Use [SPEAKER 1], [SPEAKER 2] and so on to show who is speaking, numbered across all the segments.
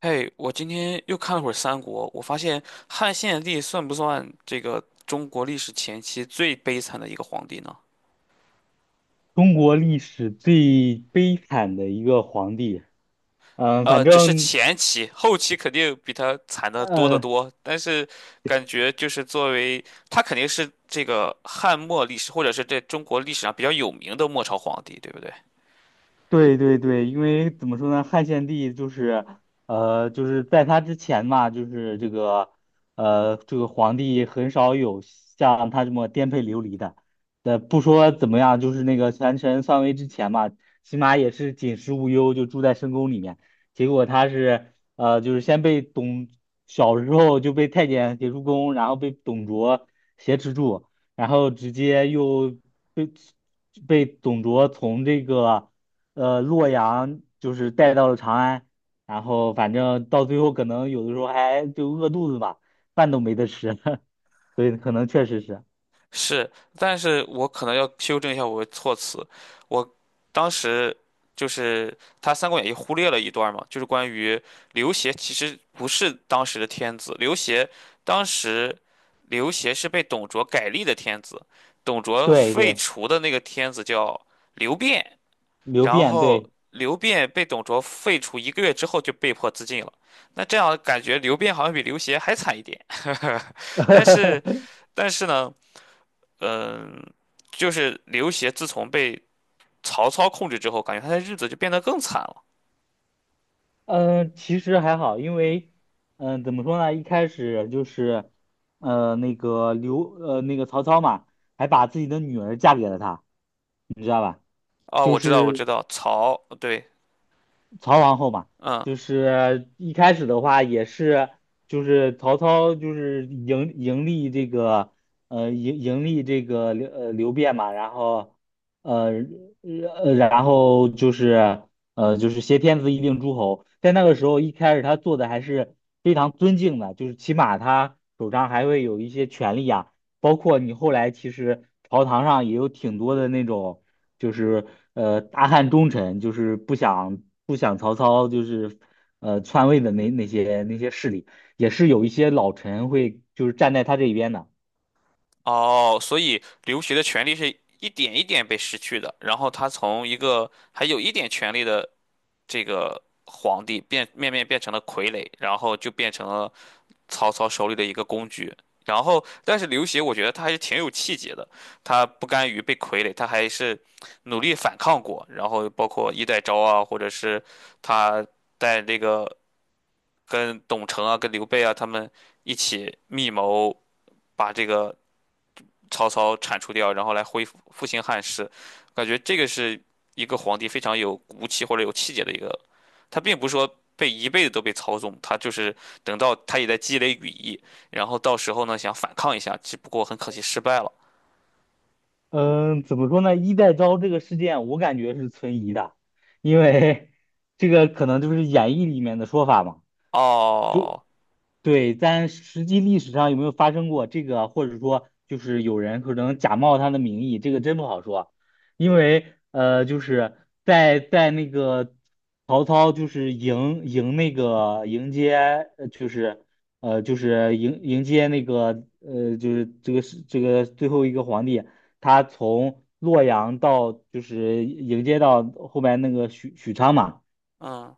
[SPEAKER 1] 嘿，我今天又看了会儿《三国》，我发现汉献帝算不算这个中国历史前期最悲惨的一个皇帝呢？
[SPEAKER 2] 中国历史最悲惨的一个皇帝，反
[SPEAKER 1] 只是
[SPEAKER 2] 正，
[SPEAKER 1] 前期，后期肯定比他惨的多得
[SPEAKER 2] 嗯，
[SPEAKER 1] 多。但是感觉就是作为他肯定是这个汉末历史，或者是在中国历史上比较有名的末朝皇帝，对不对？
[SPEAKER 2] 对对对。因为怎么说呢，汉献帝就是，就是在他之前嘛，就是这个，这个皇帝很少有像他这么颠沛流离的。不说怎么样，就是那个权臣篡位之前嘛，起码也是锦食无忧，就住在深宫里面。结果他是，呃，就是先被董，小时候就被太监劫出宫，然后被董卓挟持住，然后直接又被被董卓从这个。呃洛阳就是带到了长安。然后反正到最后可能有的时候还就饿肚子吧，饭都没得吃，所以可能确实是，
[SPEAKER 1] 是，但是我可能要修正一下我的措辞。我当时就是他《三国演义》忽略了一段嘛，就是关于刘协其实不是当时的天子，当时刘协是被董卓改立的天子，董卓
[SPEAKER 2] 对
[SPEAKER 1] 废
[SPEAKER 2] 对，
[SPEAKER 1] 除的那个天子叫刘辩，
[SPEAKER 2] 流
[SPEAKER 1] 然
[SPEAKER 2] 变
[SPEAKER 1] 后
[SPEAKER 2] 对。
[SPEAKER 1] 刘辩被董卓废除一个月之后就被迫自尽了。那这样感觉刘辩好像比刘协还惨一点，但是但是呢？嗯，就是刘协自从被曹操控制之后，感觉他的日子就变得更惨了。
[SPEAKER 2] 嗯、其实还好，因为怎么说呢，一开始就是呃那个刘呃那个曹操嘛，还把自己的女儿嫁给了他，
[SPEAKER 1] 哦，
[SPEAKER 2] 就
[SPEAKER 1] 我知道，我
[SPEAKER 2] 是
[SPEAKER 1] 知道，曹，对，
[SPEAKER 2] 曹皇后嘛，
[SPEAKER 1] 嗯。
[SPEAKER 2] 就是一开始的话也是，就是曹操就是迎立这个呃迎迎立这个刘辩嘛，然后呃然后就是就是挟天子以令诸侯。在那个时候一开始他做的还是非常尊敬的，就是起码他手上还会有一些权力啊。包括你后来其实朝堂上也有挺多的那种，就是大汉忠臣，就是不想曹操就是篡位的那些势力，也是有一些老臣会就是站在他这一边的。
[SPEAKER 1] 哦，所以刘协的权利是一点一点被失去的，然后他从一个还有一点权利的这个皇帝变面面变成了傀儡，然后就变成了曹操手里的一个工具。然后，但是刘协我觉得他还是挺有气节的，他不甘于被傀儡，他还是努力反抗过。然后包括衣带诏啊，或者是他在这个跟董承啊、跟刘备啊他们一起密谋，把这个。曹操铲除掉，然后来恢复复兴汉室。感觉这个是一个皇帝非常有骨气或者有气节的一个，他并不是说被一辈子都被操纵，他就是等到他也在积累羽翼，然后到时候呢想反抗一下，只不过很可惜失败了。
[SPEAKER 2] 嗯，怎么说呢？衣带诏这个事件，我感觉是存疑的，因为 这个可能就是演义里面的说法嘛。就
[SPEAKER 1] 哦，
[SPEAKER 2] 对，但实际历史上有没有发生过这个，或者说就是有人可能假冒他的名义，这个真不好说。因为就是在那个曹操就是迎那个迎接，就是就是迎接那个就是这个是这个最后一个皇帝，他从洛阳到就是迎接到后面那个许昌嘛。
[SPEAKER 1] 嗯，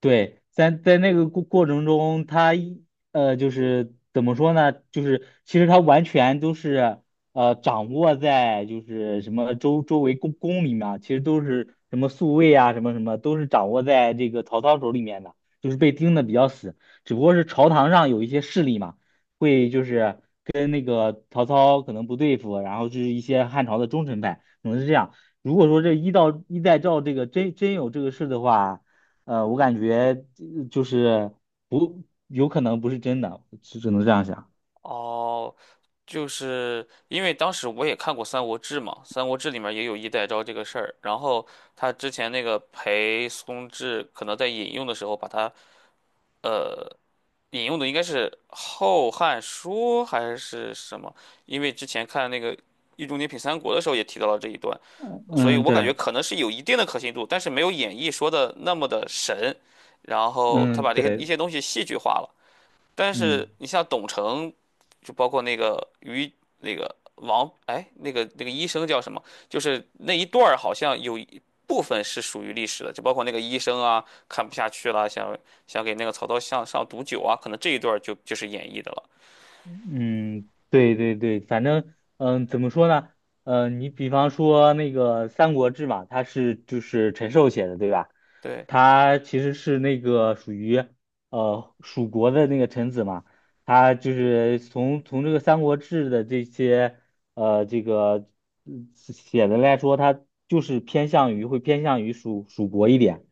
[SPEAKER 2] 对，在那个过程中，他一就是怎么说呢？就是其实他完全都是掌握在就是什么周围宫里面啊，其实都是什么宿卫啊，什么什么都是掌握在这个曹操手里面的，就是被盯的比较死。只不过是朝堂上有一些势力嘛，会就是跟那个曹操可能不对付，然后就是一些汉朝的忠臣派，可能是这样。如果说这一到一代赵这个真有这个事的话。我感觉就是不有可能不是真的，只能这样想。
[SPEAKER 1] 哦，就是因为当时我也看过《三国志》嘛，《三国志》里面也有衣带诏这个事儿，然后他之前那个裴松志可能在引用的时候呃引用的应该是《后汉书》还是什么？因为之前看那个《易中天品三国》的时候也提到了这一段，所以
[SPEAKER 2] 嗯，
[SPEAKER 1] 我感觉
[SPEAKER 2] 对，
[SPEAKER 1] 可能是有一定的可信度，但是没有演义说的那么的神。然后他
[SPEAKER 2] 嗯，
[SPEAKER 1] 把这些一
[SPEAKER 2] 对，
[SPEAKER 1] 些东西戏剧化了。但
[SPEAKER 2] 嗯
[SPEAKER 1] 是你像董承，就包括那个于那个王，哎，那个医生叫什么？就是那一段儿好像有一部分是属于历史的，就包括那个医生啊，看不下去了，想给那个曹操向上毒酒啊，可能这一段儿就是演绎的了。
[SPEAKER 2] 嗯，对对对。反正怎么说呢？你比方说那个《三国志》嘛，它是就是陈寿写的，对吧？
[SPEAKER 1] 对，
[SPEAKER 2] 他其实是那个属于蜀国的那个臣子嘛，他就是从这个《三国志》的这些这个嗯写的来说，他就是偏向于会偏向于蜀国一点。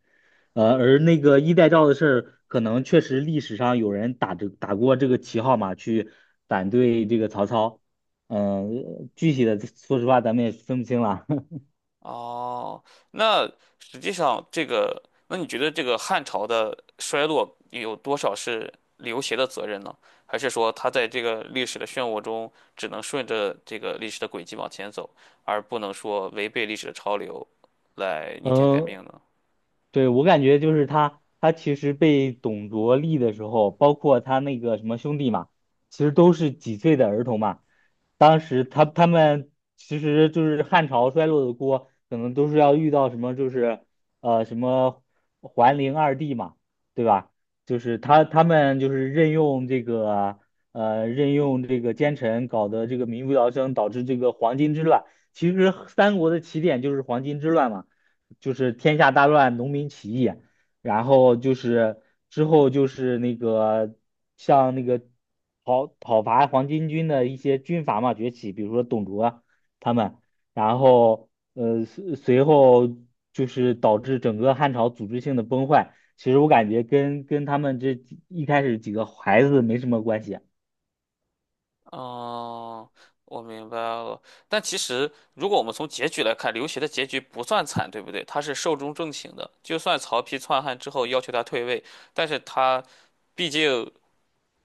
[SPEAKER 2] 而那个衣带诏的事儿，可能确实历史上有人打过这个旗号嘛，去反对这个曹操。具体的说实话咱们也分不清了。
[SPEAKER 1] 哦，那实际上这个，那你觉得这个汉朝的衰落有多少是刘协的责任呢？还是说他在这个历史的漩涡中，只能顺着这个历史的轨迹往前走，而不能说违背历史的潮流来逆天改
[SPEAKER 2] 嗯，
[SPEAKER 1] 命呢？
[SPEAKER 2] 对，我感觉就是他，他其实被董卓立的时候，包括他那个什么兄弟嘛，其实都是几岁的儿童嘛。当时他们其实就是汉朝衰落的锅，可能都是要遇到什么就是呃什么桓灵二帝嘛，对吧？就是他们就是任用这个呃任用这个奸臣，搞得这个民不聊生，导致这个黄巾之乱。其实三国的起点就是黄巾之乱嘛。就是天下大乱，农民起义，然后就是之后就是那个像那个讨伐黄巾军的一些军阀嘛崛起，比如说董卓他们。然后随后就是导致整个汉朝组织性的崩坏。其实我感觉跟他们这几一开始几个孩子没什么关系。
[SPEAKER 1] 哦，我明白了。但其实，如果我们从结局来看，刘协的结局不算惨，对不对？他是寿终正寝的。就算曹丕篡汉之后要求他退位，但是他毕竟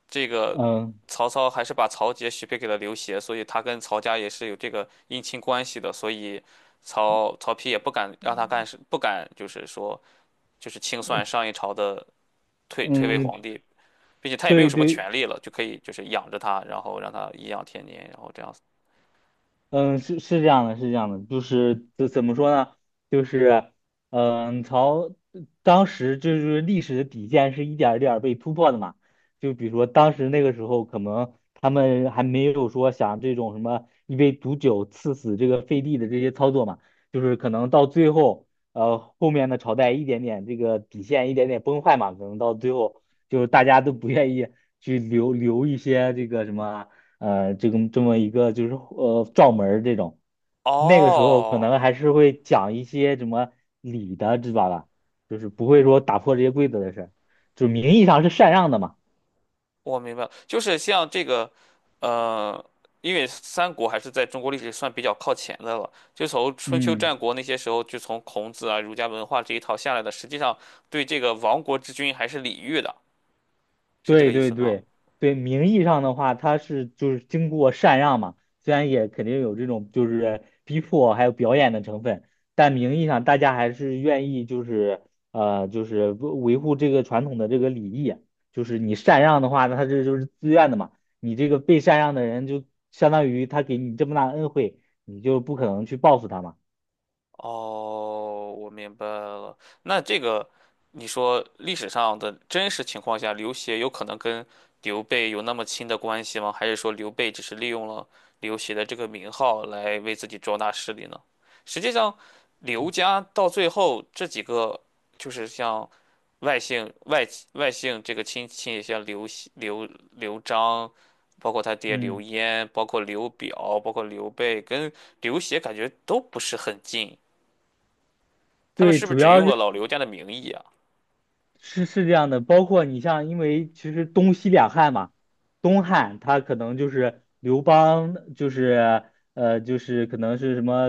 [SPEAKER 1] 这个
[SPEAKER 2] 嗯
[SPEAKER 1] 曹操还是把曹节许配给了刘协，所以他跟曹家也是有这个姻亲关系的，所以曹丕也不敢让他干事，不敢就是说清算上一朝的退位
[SPEAKER 2] 嗯，
[SPEAKER 1] 皇帝，并且他也没有
[SPEAKER 2] 对
[SPEAKER 1] 什么
[SPEAKER 2] 对，
[SPEAKER 1] 权利了，就可以就是养着他，然后让他颐养天年，然后这样子。
[SPEAKER 2] 嗯，是是这样的，是这样的，就是怎么说呢？就是，嗯，朝当时就是历史的底线是一点儿一点儿被突破的嘛。就比如说当时那个时候，可能他们还没有说想这种什么一杯毒酒赐死这个废帝的这些操作嘛，就是可能到最后，后面的朝代一点点这个底线一点点崩坏嘛，可能到最后就是大家都不愿意去留一些这个什么。这个这么一个就是撞门儿这种，那个时候可
[SPEAKER 1] 哦，
[SPEAKER 2] 能还是会讲一些什么礼的，知道吧？就是不会说打破这些规则的事儿，就名义上是禅让的嘛。
[SPEAKER 1] 我明白了，就是像这个，呃，三国还是在中国历史算比较靠前的了。就从春秋
[SPEAKER 2] 嗯。
[SPEAKER 1] 战国那些时候，就从孔子啊、儒家文化这一套下来的，实际上对这个亡国之君还是礼遇的，是这
[SPEAKER 2] 对
[SPEAKER 1] 个意
[SPEAKER 2] 对
[SPEAKER 1] 思吗？
[SPEAKER 2] 对对，名义上的话，他是就是经过禅让嘛，虽然也肯定有这种就是逼迫还有表演的成分，但名义上大家还是愿意就是就是维护这个传统的这个礼仪，就是你禅让的话，那他这就是自愿的嘛，你这个被禅让的人就相当于他给你这么大的恩惠，你就不可能去报复他嘛。
[SPEAKER 1] 哦，我明白了。那这个，你说历史上的真实情况下，刘协有可能跟刘备有那么亲的关系吗？还是说刘备只是利用了刘协的这个名号来为自己壮大势力呢？实际上，刘家到最后这几个，就是像外姓外外姓这个亲戚，像刘熙、刘璋，包括他爹刘
[SPEAKER 2] 嗯，
[SPEAKER 1] 焉，包括刘表，包括刘备，跟刘协感觉都不是很近。他们
[SPEAKER 2] 对，
[SPEAKER 1] 是不是
[SPEAKER 2] 主
[SPEAKER 1] 只
[SPEAKER 2] 要
[SPEAKER 1] 用
[SPEAKER 2] 是。
[SPEAKER 1] 了老刘家的名义啊？
[SPEAKER 2] 是是这样的，包括你像，因为其实东西两汉嘛，东汉他可能就是刘邦，就是就是可能是什么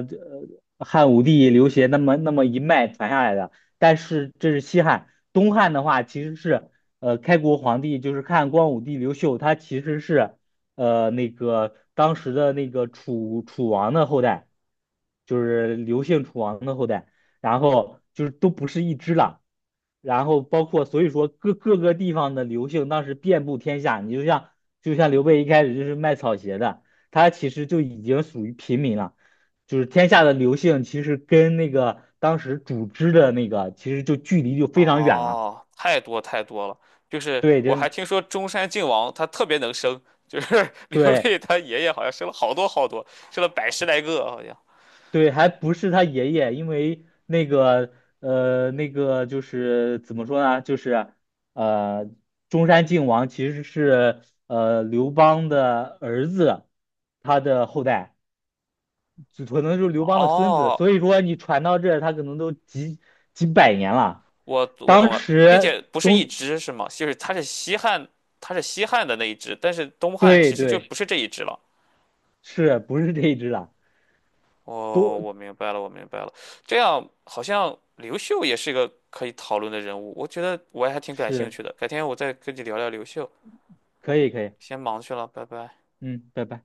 [SPEAKER 2] 汉武帝刘协那么一脉传下来的，但是这是西汉，东汉的话其实是开国皇帝就是汉光武帝刘秀，他其实是那个当时的那个楚王的后代，就是刘姓楚王的后代，然后就是都不是一支了。然后包括所以说各个地方的刘姓当时遍布天下，你就像刘备一开始就是卖草鞋的，他其实就已经属于平民了，就是天下的刘姓其实跟那个当时主织的那个其实就距离就非常远了。
[SPEAKER 1] 哦，太多太多了。就是
[SPEAKER 2] 对，
[SPEAKER 1] 我
[SPEAKER 2] 真
[SPEAKER 1] 还听说中山靖王他特别能生，就是
[SPEAKER 2] 对，
[SPEAKER 1] 刘
[SPEAKER 2] 对，
[SPEAKER 1] 备他爷爷好像生了好多好多，生了百十来个好像。
[SPEAKER 2] 对，还不是他爷爷，因为那个那个就是怎么说呢，就是呃，中山靖王其实是刘邦的儿子，他的后代，就可能就是刘邦的孙子。
[SPEAKER 1] 哦
[SPEAKER 2] 所以说你传到这儿，他可能都几百年了。
[SPEAKER 1] 我懂
[SPEAKER 2] 当
[SPEAKER 1] 了，并且
[SPEAKER 2] 时
[SPEAKER 1] 不是一
[SPEAKER 2] 中，
[SPEAKER 1] 只是吗？就是它是西汉，它是西汉的那一只，但是东汉
[SPEAKER 2] 对
[SPEAKER 1] 其实就不
[SPEAKER 2] 对，
[SPEAKER 1] 是这一只了。
[SPEAKER 2] 是不是这一只了？
[SPEAKER 1] 哦，
[SPEAKER 2] 都
[SPEAKER 1] 我明白了，我明白了。这样好像刘秀也是一个可以讨论的人物，我觉得我也还挺感兴
[SPEAKER 2] 是
[SPEAKER 1] 趣的。改天我再跟你聊聊刘秀，
[SPEAKER 2] 可以可以，
[SPEAKER 1] 先忙去了，拜拜。
[SPEAKER 2] 嗯，拜拜。